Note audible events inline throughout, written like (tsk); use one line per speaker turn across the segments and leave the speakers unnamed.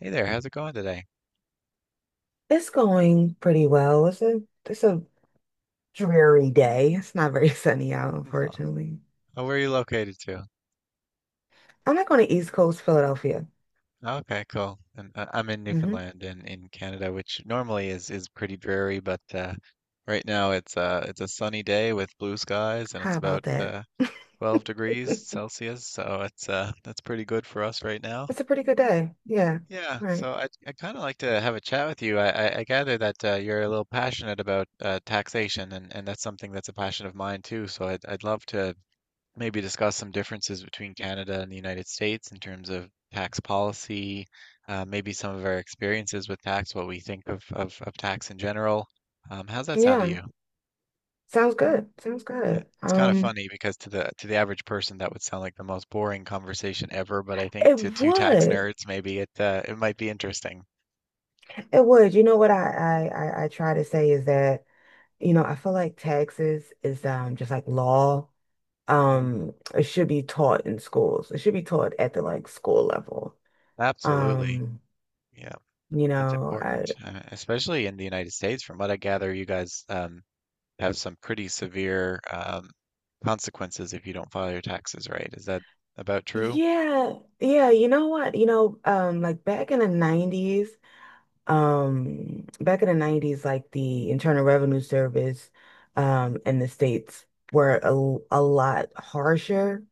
Hey there, how's it going today?
It's going pretty well. It's a dreary day. It's not very (laughs) sunny out,
Oh,
unfortunately.
oh, where are you located to?
I'm not going to East Coast Philadelphia.
Okay, cool. And I'm in
Hmm.
Newfoundland in Canada, which normally is pretty dreary, but right now it's a sunny day with blue skies and it's
How
about
about that? (laughs)
12 degrees Celsius, so it's that's pretty good for us right now.
It's a pretty good day. Yeah.
Yeah,
Right.
so I kind of like to have a chat with you. I gather that you're a little passionate about taxation, and that's something that's a passion of mine too. So I'd love to maybe discuss some differences between Canada and the United States in terms of tax policy, maybe some of our experiences with tax, what we think of tax in general. How's that sound to
Yeah.
you?
Sounds good. Sounds
Uh,
good.
It's kind of funny because to the average person that would sound like the most boring conversation ever, but I think to
It
two tax
would.
nerds maybe it might be interesting.
It would. You know what I try to say is that, you know, I feel like taxes is just like law.
Mm,
It should be taught in schools. It should be taught at the like school level.
absolutely.
Um
Yeah,
You
it's
know, I
important, especially in the United States. From what I gather, you guys have some pretty severe consequences if you don't file your taxes right. Is that about true?
Yeah, yeah, you know what? You know, like back in the 90s, back in the 90s like the Internal Revenue Service in the States were a lot harsher.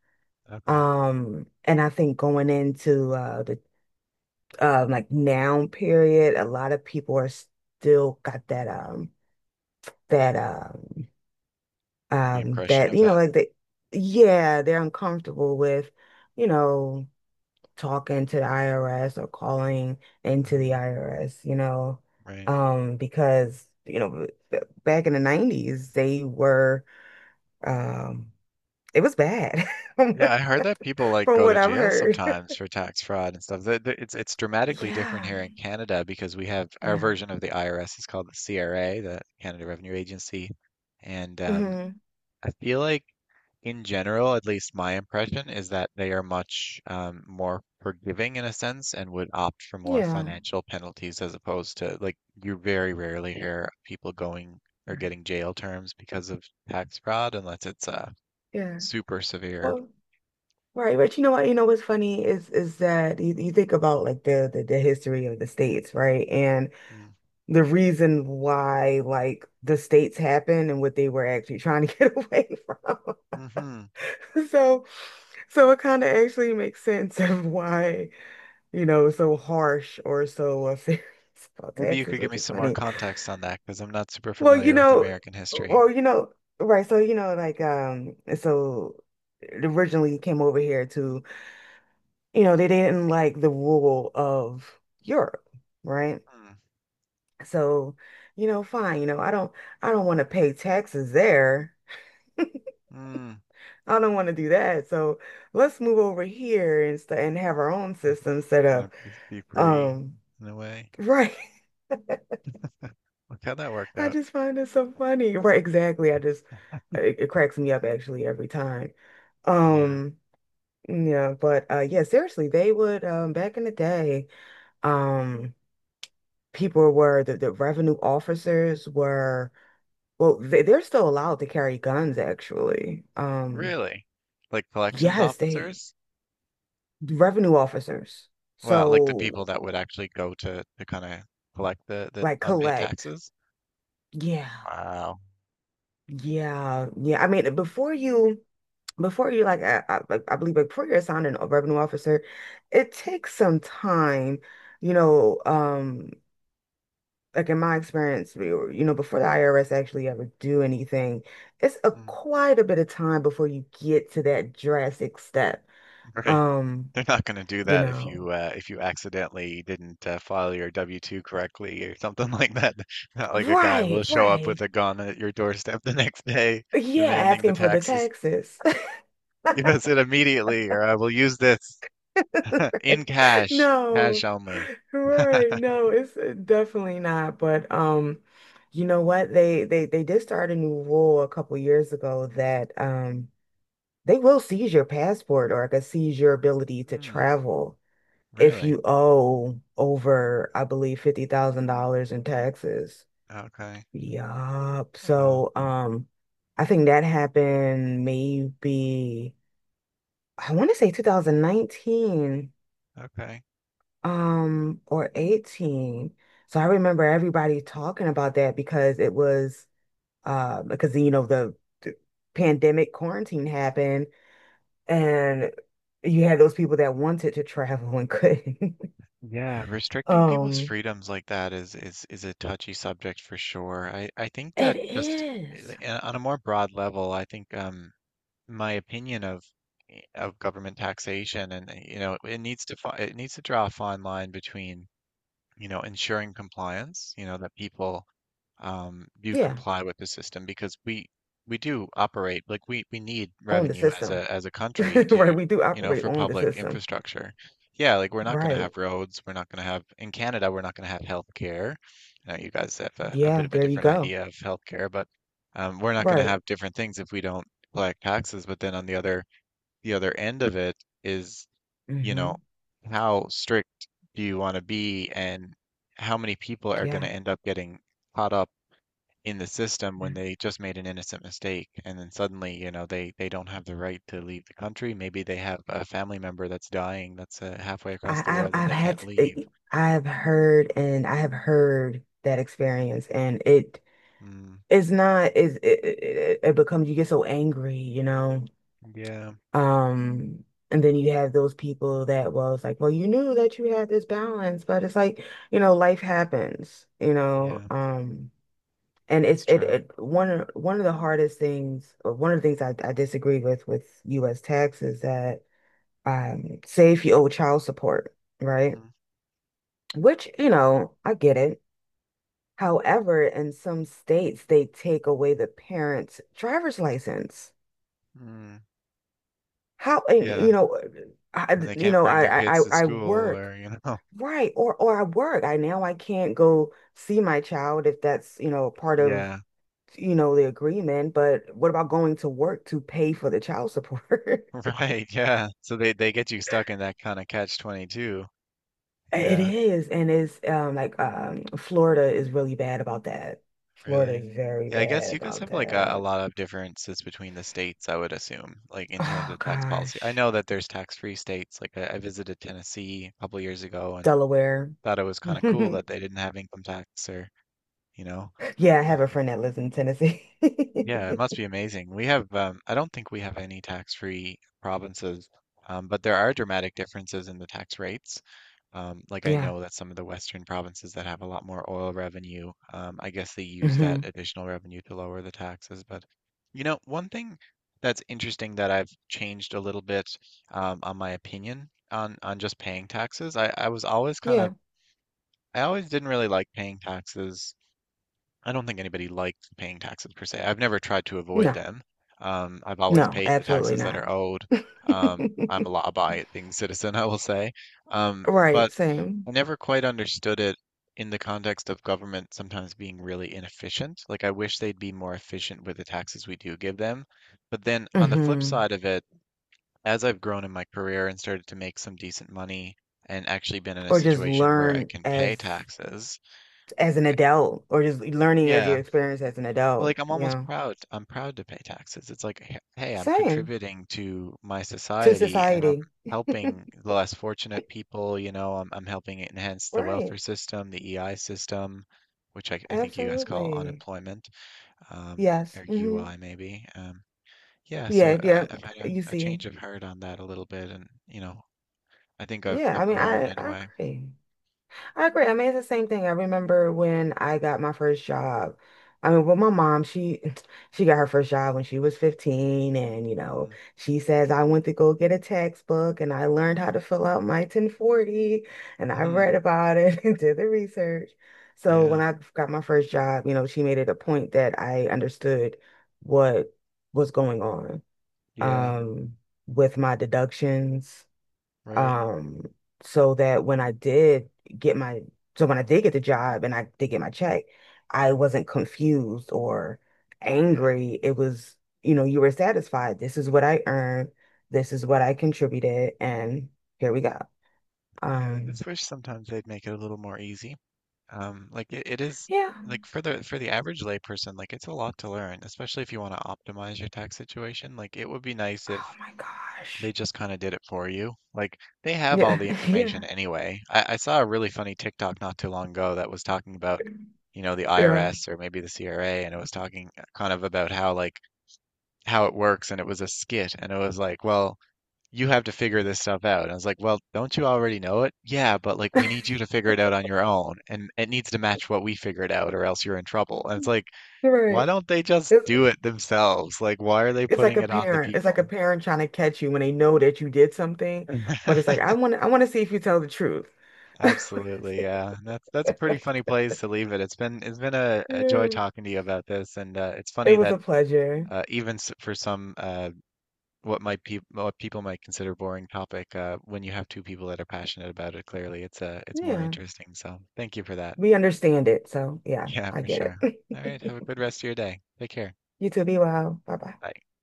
Okay,
And I think going into the like now period, a lot of people are still got that that
the impression
that
of
you know
that.
like they yeah, they're uncomfortable with, you know talking to the IRS or calling into the
Hmm.
IRS, you know,
Right.
because, you know, back in the 90s, they were, um, it was bad (laughs) from
Yeah, I
what,
heard that people like
from
go to
what I've
jail
heard.
sometimes
(laughs)
for tax fraud and stuff. It's dramatically different
Yeah,
here in Canada because we have our
yeah.
version of the IRS is called the CRA, the Canada Revenue Agency, and
Hmm.
I feel like in general, at least my impression is that they are much more forgiving in a sense and would opt for more
Yeah.
financial penalties as opposed to like you very rarely hear people going or
Right.
getting jail terms because of tax fraud unless it's
Yeah.
super severe.
Well, right. But you know what? You know what's funny is that you think about like the history of the states, right? And
Mm.
the reason why like the states happened and what they were actually trying to (laughs) get away from. (laughs)
Mm-hmm.
So so it kind of actually makes sense of why, you know, it's so harsh or so serious (laughs) about
Maybe you
taxes,
could give
which
me
is
some more
funny.
context on that because I'm not super
Well, you
familiar with
know,
American history.
well, you know, right, so you know, like so originally came over here to, you know, they didn't like the rule of Europe, right?
Mm.
So, you know, fine, you know, I don't want to pay taxes there.
Mm.
I don't want to do that. So let's move over here and st and have our own system set
Kind
up.
of be free
Um,
in a way.
right. (laughs)
Look how that worked
I
out.
just find it so funny. Right, exactly. I just it, it cracks me up actually every time.
Yeah.
Um, yeah, but yeah, seriously, they would back in the day, um people were the revenue officers were well they're still allowed to carry guns actually.
Really? Like collections
Yes, they
officers?
revenue officers.
Well, like the people
So
that would actually go to kind of collect the
like
unpaid
collect.
taxes.
Yeah.
Wow.
Yeah. Yeah. I mean, before you like I like I believe like, before you're assigned a revenue officer, it takes some time, you know, like in my experience, you know, before the IRS actually ever do anything, it's a
Mm.
quite a bit of time before you get to that drastic step.
Right.
Um,
(laughs) They're not going to do
you
that
know.
if you accidentally didn't file your W-2 correctly or something like that. (laughs) Not like a guy will
Right,
show up with
right.
a gun at your doorstep the next day
Yeah,
demanding the
asking for the
taxes.
taxes.
(laughs) Give us it immediately, or I will use this (laughs) in
(laughs)
cash,
No,
cash only.
right.
(laughs)
No, it's definitely not. But you know what? They did start a new rule a couple years ago that they will seize your passport or like seize your ability to
Hmm,
travel if
really?
you owe over, I believe, $50,000 in taxes.
Okay.
Yup.
Well,
So I think that happened maybe I want to say 2019.
okay.
Um, or 18. So I remember everybody talking about that because it was because you know the pandemic quarantine happened and you had those people that wanted to travel and couldn't. (laughs)
Yeah, restricting people's
Um
freedoms like that is a touchy subject for sure. I think
it
that just
is.
on a more broad level, I think my opinion of of government taxation and you know it needs to it needs to draw a fine line between you know, ensuring compliance, you know, that people do
Yeah,
comply with the system because we do operate like we need
on the
revenue as
system.
a
(laughs)
country
Right,
to
we do
you know
operate
for
on the
public
system.
infrastructure. Yeah, like we're not going to
Right.
have roads, we're not going to have in Canada, we're not going to have healthcare. I know you guys have a bit
Yeah,
of a
there you
different
go.
idea of healthcare, but we're not going to
Right.
have different things if we don't collect taxes. But then on the other end of it is you know,
Hmm.
how strict do you want to be and how many people are going
Yeah.
to end up getting caught up in the system when they just made an innocent mistake and then suddenly, you know, they don't have the right to leave the country. Maybe they have a family member that's dying that's halfway across the world and
I've
they can't
had
leave.
to, I've heard and I have heard that experience and it
Mm,
it's not is it, it it becomes you get so angry, you know.
yeah,
Um and then you have those people that was like, well you knew that you had this balance, but it's like, you know, life happens, you know.
yeah,
And
that's
it's it,
true.
it one of the hardest things or one of the things I disagree with US tax is that say if you owe child support, right?
Hmm.
Which, you know, I get it. However, in some states, they take away the parent's driver's license.
Mm,
How, and,
yeah,
you know,
and they can't bring their kids to
I
school
work,
or, you know. (laughs)
right? Or I work. I now I can't go see my child if that's, you know, part of,
Yeah,
you know, the agreement. But what about going to work to pay for the child support? (laughs)
(laughs) right, yeah. So they get you stuck in that kind of catch 22.
It
Yeah.
is, and it's like Florida is really bad about that. Florida
Really?
is very
Yeah, I guess
bad
you guys
about
have like a
that.
lot of differences between the states, I would assume, like in terms
Oh
of tax policy. I
gosh.
know that there's tax-free states. Like I visited Tennessee a couple years ago and
Delaware.
thought it was kind of cool that
(laughs)
they didn't have income tax or, you know,
Yeah, I have a
um,
friend that lives in Tennessee.
yeah, it must be
(laughs)
amazing. We have, I don't think we have any tax-free provinces, but there are dramatic differences in the tax rates. Like I
Yeah.
know that some of the Western provinces that have a lot more oil revenue, I guess they use that
Hmm.
additional revenue to lower the taxes. But you know, one thing that's interesting that I've changed a little bit on my opinion on just paying taxes. I was always kind
Yeah,
of I always didn't really like paying taxes. I don't think anybody likes paying taxes per se. I've never tried to avoid
no,
them. I've always
no,
paid the
absolutely
taxes that
not.
are owed.
(laughs)
I'm a law-abiding (laughs) citizen, I will say.
Right,
But
same.
I never quite understood it in the context of government sometimes being really inefficient. Like, I wish they'd be more efficient with the taxes we do give them. But then on the flip
Hmm.
side of it, as I've grown in my career and started to make some decent money and actually been in a
Or just
situation where I
learn
can pay taxes,
as an adult, or just learning as
yeah.
your experience as an
Well,
adult.
like I'm almost
Yeah,
proud. I'm proud to pay taxes. It's like, hey, I'm
same
contributing to my
to
society and I'm
society. (laughs)
helping the less fortunate people, you know, I'm helping enhance the welfare
Right,
system, the EI system, which I think you guys call
absolutely.
unemployment, um,
Yes.
or
Hmm.
UI maybe. Yeah, so
Yeah, yeah.
I've had
You
a change
see.
of heart on that a little bit and, you know, I think
Yeah,
I've
I mean,
grown in a
I
way.
agree. I agree. I mean, it's the same thing. I remember when I got my first job. I mean, well, my mom, she (sniffs) (tsk) she got her first job when she was 15, and you know,
Mm.
she says I went to go get a textbook and I learned how to fill out my 1040 and I read
Hmm.
about it (laughs) and did the research. So
Yeah,
when I got my first job, you know, she made it a point that I understood what was going on
yeah,
um with my deductions
right.
um, so that when I did get my, so when I did get the job and I did get my check, I
Mm.
wasn't confused or
Yeah.
angry. It was, you know, you were satisfied. This is what I earned. This is what I contributed. And here we go.
Yeah, I
Um,
just wish sometimes they'd make it a little more easy. It is
yeah.
like for the average layperson, like it's a lot to learn, especially if you want to optimize your tax situation. Like it would be nice if
Oh my
they
gosh.
just kind of did it for you. Like they have all
Yeah.
the
(laughs) Yeah.
information anyway. I saw a really funny TikTok not too long ago that was talking about, you know, the
Yeah.
IRS or maybe the CRA, and it was talking kind of about how like how it works, and it was a skit, and it was like, well you have to figure this stuff out. And I was like, well, don't you already know it? Yeah, but like we need you to figure it out on your own and it needs to match what we figured out or else you're in trouble. And it's like,
You're
why
right.
don't they just
It's,
do it themselves? Like why are they
it's like
putting
a
it on the
parent. It's
people?
like a parent trying to catch you when they know that you did something, but it's
(laughs)
like I want to see if you tell the truth.
Absolutely,
(laughs)
yeah. That's a pretty funny place to leave it. It's been a joy
Mm.
talking to you about this, and it's
It
funny
was
that
a pleasure.
even for some what might pe what people might consider boring topic, when you have two people that are passionate about it, clearly it's more
Yeah.
interesting. So thank you for that.
We understand it. So, yeah,
Yeah,
I
for
get
sure. All right.
it.
Have a
(laughs)
good rest of your day. Take care.
You too. Be well. Bye bye.
Bye.